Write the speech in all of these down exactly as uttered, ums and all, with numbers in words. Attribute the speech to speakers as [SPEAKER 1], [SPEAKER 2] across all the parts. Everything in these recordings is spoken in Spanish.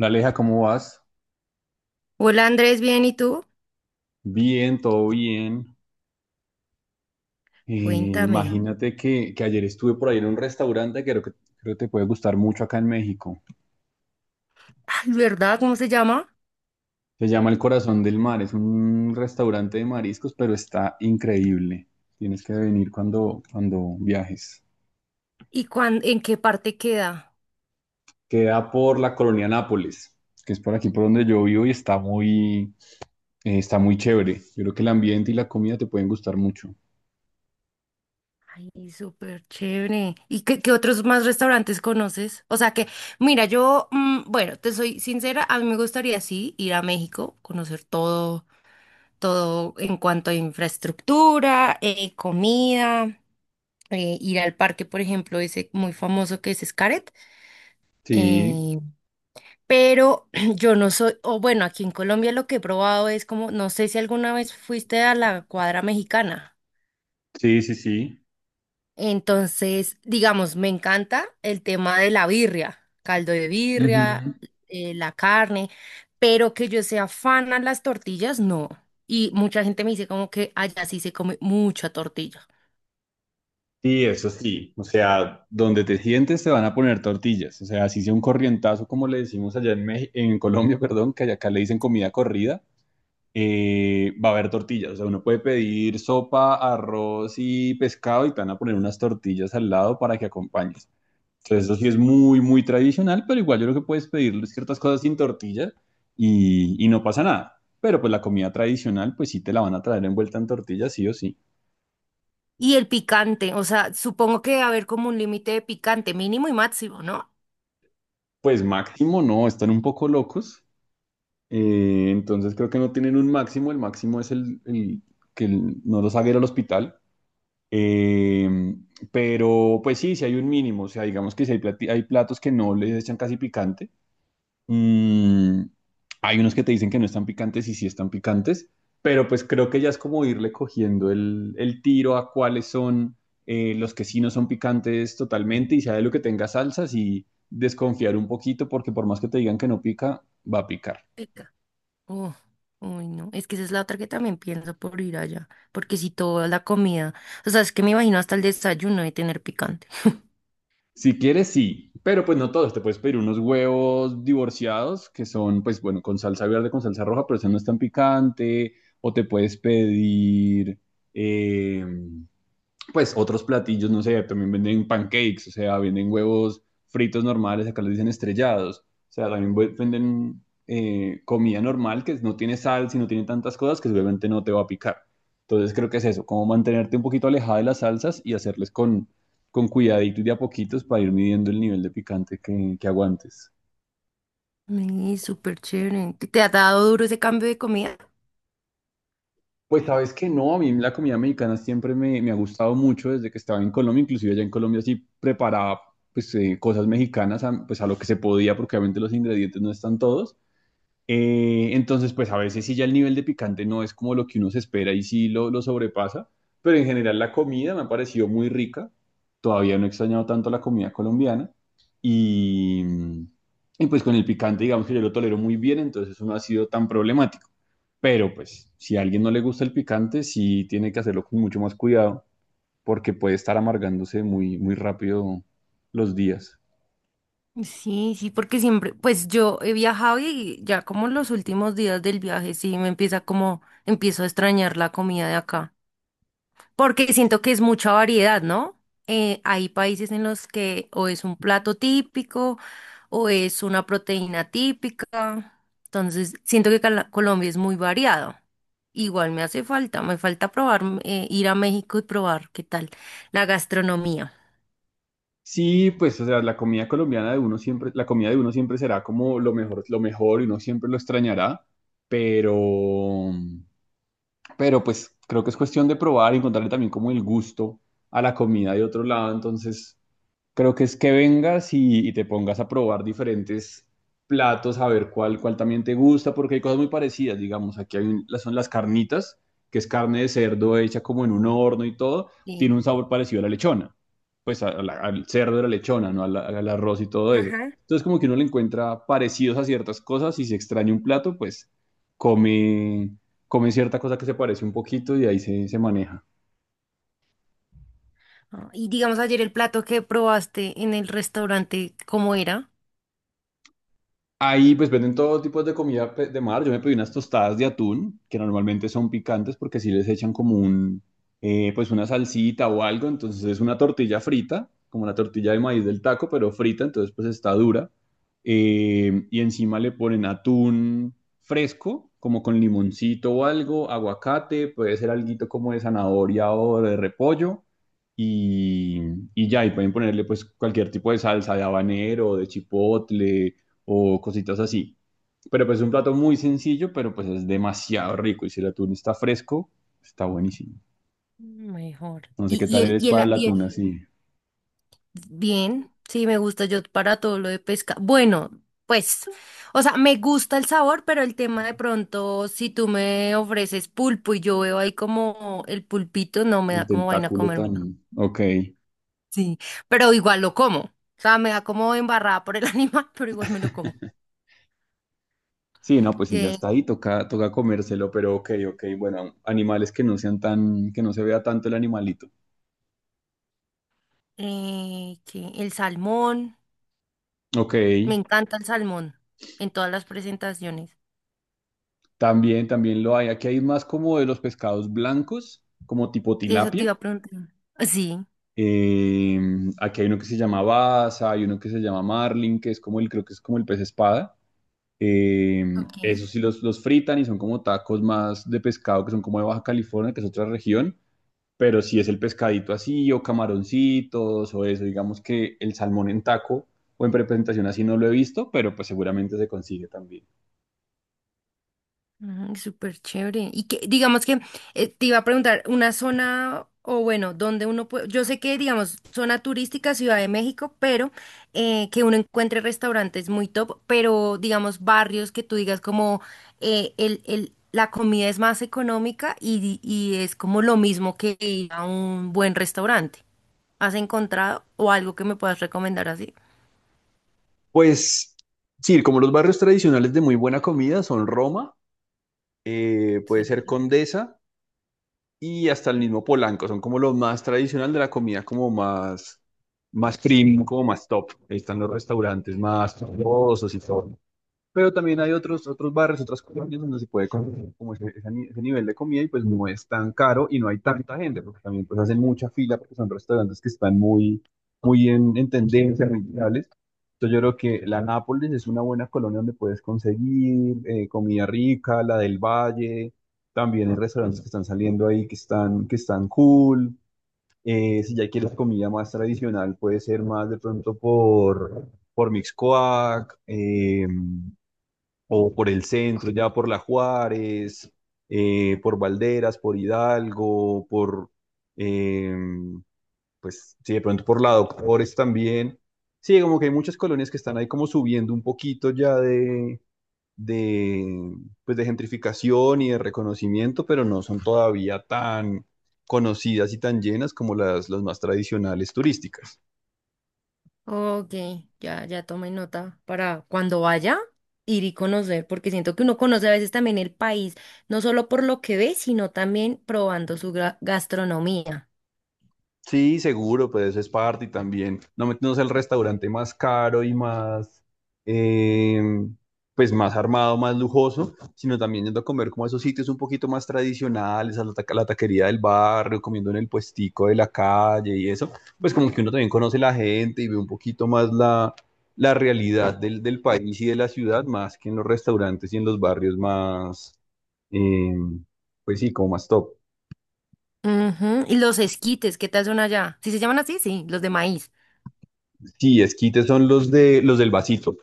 [SPEAKER 1] Aleja, ¿cómo vas?
[SPEAKER 2] Hola Andrés, bien, ¿y tú?
[SPEAKER 1] Bien, todo bien. Eh,
[SPEAKER 2] Cuéntame.
[SPEAKER 1] imagínate que, que ayer estuve por ahí en un restaurante que creo que creo que te puede gustar mucho acá en México.
[SPEAKER 2] Ay, ¿verdad? ¿Cómo se llama?
[SPEAKER 1] Se llama El Corazón del Mar, es un restaurante de mariscos, pero está increíble. Tienes que venir cuando, cuando viajes.
[SPEAKER 2] ¿Y cuán- En qué parte queda?
[SPEAKER 1] Queda por la colonia Nápoles, que es por aquí por donde yo vivo y está muy, eh, está muy chévere. Yo creo que el ambiente y la comida te pueden gustar mucho.
[SPEAKER 2] Ay, súper chévere. ¿Y qué, qué otros más restaurantes conoces? O sea que, mira, yo, mm, bueno, te soy sincera, a mí me gustaría sí ir a México, conocer todo, todo en cuanto a infraestructura, eh, comida, eh, ir al parque, por ejemplo, ese muy famoso que es Xcaret.
[SPEAKER 1] Sí,
[SPEAKER 2] eh, Pero yo no soy, o bueno, aquí en Colombia lo que he probado es como, no sé si alguna vez fuiste a la cuadra mexicana.
[SPEAKER 1] sí, sí, sí.
[SPEAKER 2] Entonces, digamos, me encanta el tema de la birria, caldo de
[SPEAKER 1] Ujú.
[SPEAKER 2] birria, eh, la carne, pero que yo sea fan a las tortillas, no. Y mucha gente me dice como que allá sí se come mucha tortilla.
[SPEAKER 1] Sí, eso sí. O sea, donde te sientes te van a poner tortillas. O sea, así sea un corrientazo, como le decimos allá en Meji- en Colombia, perdón, que allá acá le dicen comida corrida, eh, va a haber tortillas. O sea, uno puede pedir sopa, arroz y pescado y te van a poner unas tortillas al lado para que acompañes. Entonces, eso sí es muy, muy tradicional, pero igual yo creo que puedes pedir ciertas cosas sin tortilla y, y no pasa nada. Pero pues la comida tradicional, pues sí te la van a traer envuelta en tortilla, sí o sí.
[SPEAKER 2] Y el picante, o sea, supongo que debe haber como un límite de picante mínimo y máximo, ¿no?
[SPEAKER 1] Pues máximo, no, están un poco locos. Eh, entonces creo que no tienen un máximo, el máximo es el, el que el- no los haga ir al hospital. Eh, pero pues sí, sí hay un mínimo, o sea, digamos que si hay, plati- hay platos que no les echan casi picante, Mm, hay unos que te dicen que no están picantes y sí están picantes, pero pues creo que ya es como irle cogiendo el, el tiro a cuáles son eh, los que sí no son picantes totalmente y sea de lo que tenga salsas y desconfiar un poquito porque por más que te digan que no pica, va a picar.
[SPEAKER 2] Uh, uy, no. Es que esa es la otra que también pienso por ir allá. Porque si toda la comida. O sea, es que me imagino hasta el desayuno de tener picante.
[SPEAKER 1] Si quieres, sí, pero pues no todos. Te puedes pedir unos huevos divorciados que son, pues bueno, con salsa verde, con salsa roja, pero eso no es tan picante. O te puedes pedir, eh, pues otros platillos, no sé, también venden pancakes, o sea, venden huevos fritos normales, acá les dicen estrellados, o sea, también vu- venden eh, comida normal que no tiene sal, si no tiene tantas cosas que seguramente no te va a picar. Entonces creo que es eso, como mantenerte un poquito alejada de las salsas y hacerles con, con cuidadito y de a poquitos para ir midiendo el nivel de picante que, que aguantes.
[SPEAKER 2] Ay, súper chévere. ¿Te te ha dado duro ese cambio de comida?
[SPEAKER 1] Pues sabes que no, a mí la comida mexicana siempre me, me ha gustado mucho desde que estaba en Colombia, inclusive allá en Colombia sí preparaba pues eh, cosas mexicanas a, pues a lo que se podía, porque obviamente los ingredientes no están todos, eh, entonces, pues a veces sí ya el nivel de picante no es como lo que uno se espera y sí lo, lo sobrepasa, pero en general la comida me ha parecido muy rica. Todavía no he extrañado tanto la comida colombiana y, y pues con el picante digamos que yo lo tolero muy bien, entonces eso no ha sido tan problemático. Pero pues si a alguien no le gusta el picante, sí tiene que hacerlo con mucho más cuidado porque puede estar amargándose muy, muy rápido los días.
[SPEAKER 2] Sí, sí, porque siempre, pues yo he viajado y ya como en los últimos días del viaje, sí, me empieza como, empiezo a extrañar la comida de acá. Porque siento que es mucha variedad, ¿no? Eh, hay países en los que o es un plato típico o es una proteína típica. Entonces, siento que Cala- Colombia es muy variado. Igual me hace falta, me falta probar, mm, eh, ir a México y probar qué tal la gastronomía.
[SPEAKER 1] Sí, pues, o sea, la comida colombiana de uno siempre, la comida de uno siempre será como lo mejor, lo mejor y uno siempre lo extrañará, pero, pero pues creo que es cuestión de probar y encontrarle también como el gusto a la comida de otro lado, entonces creo que es que vengas y, y te pongas a probar diferentes platos, a ver cuál, cuál también te gusta, porque hay cosas muy parecidas, digamos. Aquí hay un- las- son las carnitas, que es carne de cerdo hecha como en un horno y todo, tiene
[SPEAKER 2] Sí.
[SPEAKER 1] un sabor parecido a la lechona, pues a- a la- al cerdo de la lechona, ¿no? Al, al arroz y todo eso.
[SPEAKER 2] Ajá.
[SPEAKER 1] Entonces como que uno le encuentra parecidos a ciertas cosas y si extraña un plato, pues come, come cierta cosa que se parece un poquito y ahí se, se maneja.
[SPEAKER 2] Ah, y digamos ayer el plato que probaste en el restaurante, ¿cómo era?
[SPEAKER 1] Ahí pues venden todo tipo de comida pe- de mar. Yo me pedí unas tostadas de atún, que normalmente son picantes porque si les echan como un, eh, pues una salsita o algo. Entonces es una tortilla frita, como la tortilla de maíz del taco, pero frita, entonces pues está dura. Eh, y encima le ponen atún fresco, como con limoncito o algo, aguacate, puede ser alguito como de zanahoria o de repollo. Y, y ya, y pueden ponerle pues cualquier tipo de salsa de habanero, de chipotle o cositas así. Pero pues es un plato muy sencillo, pero pues es demasiado rico. Y si el atún está fresco, está buenísimo.
[SPEAKER 2] Mejor.
[SPEAKER 1] No sé
[SPEAKER 2] Y,
[SPEAKER 1] qué
[SPEAKER 2] y
[SPEAKER 1] tal
[SPEAKER 2] el,
[SPEAKER 1] eres
[SPEAKER 2] y
[SPEAKER 1] para
[SPEAKER 2] el,
[SPEAKER 1] el
[SPEAKER 2] y
[SPEAKER 1] atún
[SPEAKER 2] el-
[SPEAKER 1] así,
[SPEAKER 2] Bien, sí, me gusta yo para todo lo de pesca. Bueno, pues, o sea, me gusta el sabor, pero el tema de pronto, si tú me ofreces pulpo y yo veo ahí como el pulpito, no me da
[SPEAKER 1] el
[SPEAKER 2] como vaina
[SPEAKER 1] tentáculo
[SPEAKER 2] comérmelo.
[SPEAKER 1] tan... Ok.
[SPEAKER 2] Sí, pero igual lo como. O sea, me da como embarrada por el animal, pero igual me lo como.
[SPEAKER 1] Sí, no, pues si ya
[SPEAKER 2] Que
[SPEAKER 1] está ahí, toca, toca comérselo, pero ok, ok. Bueno, animales que no sean tan, que no se vea tanto el animalito.
[SPEAKER 2] eh, ¿qué? El salmón,
[SPEAKER 1] Ok.
[SPEAKER 2] me encanta el salmón en todas las presentaciones.
[SPEAKER 1] También, también lo hay. Aquí hay más como de los pescados blancos, como tipo
[SPEAKER 2] Eso te iba
[SPEAKER 1] tilapia.
[SPEAKER 2] a preguntar. Sí.
[SPEAKER 1] Eh, Aquí hay uno que se llama Baza, hay uno que se llama Marlin, que es como el, creo que es como el pez espada. Eh,
[SPEAKER 2] Ok.
[SPEAKER 1] Esos sí los, los fritan y son como tacos más de pescado, que son como de Baja California, que es otra región. Pero si es el pescadito así, o camaroncitos, o eso, digamos que el salmón en taco o en presentación así no lo he visto, pero pues seguramente se consigue también.
[SPEAKER 2] Mm, súper chévere. Y que, digamos que eh, te iba a preguntar, una zona, o bueno, donde uno puede, yo sé que, digamos, zona turística, Ciudad de México, pero eh, que uno encuentre restaurantes muy top, pero digamos, barrios que tú digas como eh, el, el, la comida es más económica y, y es como lo mismo que ir a un buen restaurante. ¿Has encontrado o algo que me puedas recomendar así?
[SPEAKER 1] Pues sí, como los barrios tradicionales de muy buena comida son Roma, eh, puede ser
[SPEAKER 2] Sí.
[SPEAKER 1] Condesa, y hasta el mismo Polanco, son como lo más tradicional de la comida, como más, más premium, como más top. Ahí están los restaurantes más famosos y todo. Pero también hay otros, otros bares, otras colonias donde se puede comer como ese, ese ni- ese nivel de comida y pues no es tan caro y no hay tanta gente, porque también pues hacen mucha fila porque son restaurantes que están muy, muy en, en tendencia, muy virales. Entonces yo creo que la Nápoles es una buena colonia donde puedes conseguir eh, comida rica, la del Valle, también hay restaurantes que están saliendo ahí que están, que están cool. Eh, si ya quieres comida más tradicional, puede ser más de pronto por, por Mixcoac. Eh, o por el centro, ya por La Juárez, eh, por Valderas, por Hidalgo, por, eh, pues sí, de pronto por la Doctores también. Sí, como que hay muchas colonias que están ahí como subiendo un poquito ya de, de, pues de gentrificación y de reconocimiento, pero no son todavía tan conocidas y tan llenas como las, las más tradicionales turísticas.
[SPEAKER 2] Ok, ya, ya tomé nota para cuando vaya ir y conocer, porque siento que uno conoce a veces también el país, no solo por lo que ve, sino también probando su gra- gastronomía.
[SPEAKER 1] Sí, seguro, pero eso es parte y también. No meternos al restaurante más caro y más, eh, pues más armado, más lujoso, sino también yendo a comer como a esos sitios un poquito más tradicionales, a la, ta- a la taquería del barrio, comiendo en el puestico de la calle y eso. Pues como que uno también conoce la gente y ve un poquito más la, la realidad del, del país y de la ciudad, más que en los restaurantes y en los barrios más, eh, pues sí, como más top.
[SPEAKER 2] Ujú, y los esquites, ¿qué tal son allá? ¿Sí se llaman así? Sí, los de maíz.
[SPEAKER 1] Sí, esquites son los de los del vasito.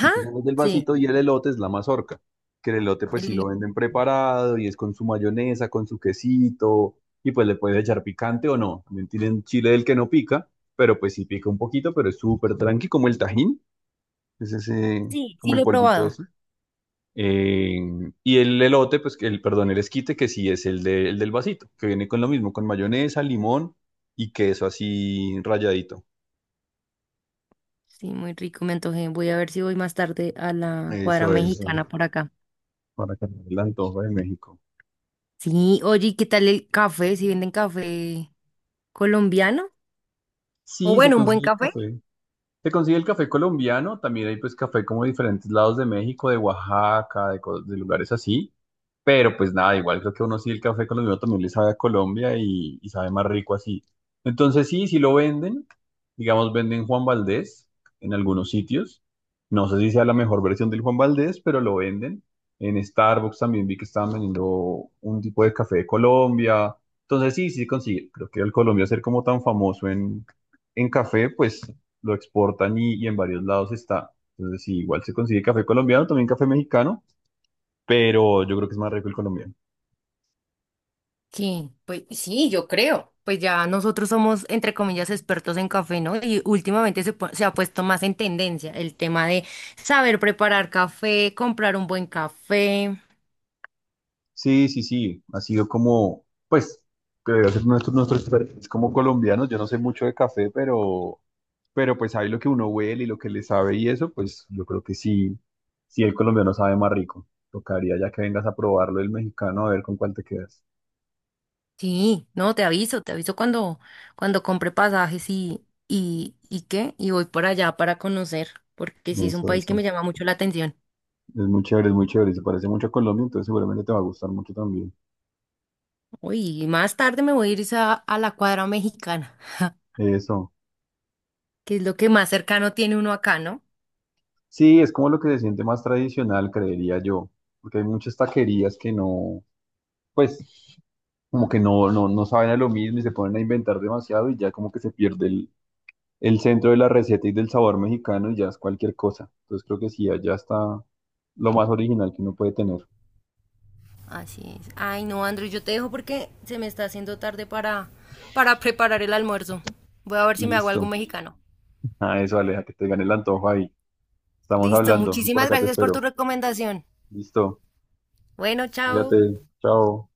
[SPEAKER 1] Y tú sacas del
[SPEAKER 2] sí,
[SPEAKER 1] vasito y el elote es la mazorca. Que el elote pues
[SPEAKER 2] el
[SPEAKER 1] sí
[SPEAKER 2] hilo-
[SPEAKER 1] lo venden preparado y es con su mayonesa, con su quesito. Y pues le puedes echar picante o no. También tienen chile del que no pica, pero pues sí pica un poquito, pero es súper tranqui, como el tajín. Es ese,
[SPEAKER 2] Sí,
[SPEAKER 1] como
[SPEAKER 2] sí
[SPEAKER 1] el
[SPEAKER 2] lo he
[SPEAKER 1] polvito
[SPEAKER 2] probado.
[SPEAKER 1] ese. Eh, y el elote, pues que el, perdón, el esquite, que sí es el, de- el del vasito, que viene con lo mismo, con mayonesa, limón y queso así rayadito.
[SPEAKER 2] Sí, muy rico, me antojé. Voy a ver si voy más tarde a la cuadra
[SPEAKER 1] Eso es, eh,
[SPEAKER 2] mexicana por acá.
[SPEAKER 1] para que el antojo de México.
[SPEAKER 2] Sí, oye, ¿y qué tal el café? ¿Si venden café colombiano? O
[SPEAKER 1] Sí, se
[SPEAKER 2] bueno, un buen
[SPEAKER 1] consigue el
[SPEAKER 2] café.
[SPEAKER 1] café. Se consigue el café colombiano, también hay pues café como de diferentes lados de México, de Oaxaca, de, co- de lugares así, pero pues nada, igual creo que uno sí el café colombiano también le sabe a Colombia y, y sabe más rico así. Entonces sí, sí lo venden, digamos venden Juan Valdés en algunos sitios, no sé si sea la mejor versión del Juan Valdés, pero lo venden. En Starbucks también vi que estaban vendiendo un tipo de café de Colombia, entonces sí, sí se consigue. Creo que el Colombia ser como tan famoso en en café, pues lo exportan y, y en varios lados está. Entonces, sí, igual se consigue café colombiano, también café mexicano, pero yo creo que es más rico el colombiano.
[SPEAKER 2] Sí, pues sí, yo creo. Pues ya nosotros somos, entre comillas, expertos en café, ¿no? Y últimamente se, pu- se ha puesto más en tendencia el tema de saber preparar café, comprar un buen café.
[SPEAKER 1] Sí, sí, sí, ha sido como, pues, que debe ser nuestro, nuestro expertise como colombianos. Yo no sé mucho de café, pero, pero pues ahí lo que uno huele y lo que le sabe y eso, pues yo creo que sí, sí el colombiano sabe más rico. Tocaría ya que vengas a probarlo el mexicano a ver con cuál te quedas.
[SPEAKER 2] Sí, no, te aviso, te aviso cuando, cuando compre pasajes y, y, y qué, y voy por allá para conocer, porque sí es un
[SPEAKER 1] Eso,
[SPEAKER 2] país que
[SPEAKER 1] eso.
[SPEAKER 2] me llama mucho la atención.
[SPEAKER 1] Es muy chévere, es muy chévere. Se parece mucho a Colombia, entonces seguramente te va a gustar mucho también.
[SPEAKER 2] Uy, y más tarde me voy a ir es a, a la cuadra mexicana,
[SPEAKER 1] Eso.
[SPEAKER 2] que es lo que más cercano tiene uno acá, ¿no?
[SPEAKER 1] Sí, es como lo que se siente más tradicional, creería yo, porque hay muchas taquerías que no, pues como que no, no, no saben a lo mismo y se ponen a inventar demasiado y ya como que se pierde el, el centro de la receta y del sabor mexicano y ya es cualquier cosa. Entonces creo que sí, allá está lo más original que uno puede tener.
[SPEAKER 2] Así es. Ay, no, Andrew, yo te dejo porque se me está haciendo tarde para, para preparar el almuerzo. Voy a ver si me hago algo
[SPEAKER 1] Listo.
[SPEAKER 2] mexicano.
[SPEAKER 1] Ah, eso, Aleja, que te gane el antojo ahí. Estamos
[SPEAKER 2] Listo,
[SPEAKER 1] hablando, por
[SPEAKER 2] muchísimas
[SPEAKER 1] acá te
[SPEAKER 2] gracias por tu
[SPEAKER 1] espero.
[SPEAKER 2] recomendación.
[SPEAKER 1] Listo.
[SPEAKER 2] Bueno, chao.
[SPEAKER 1] Cuídate. Chao.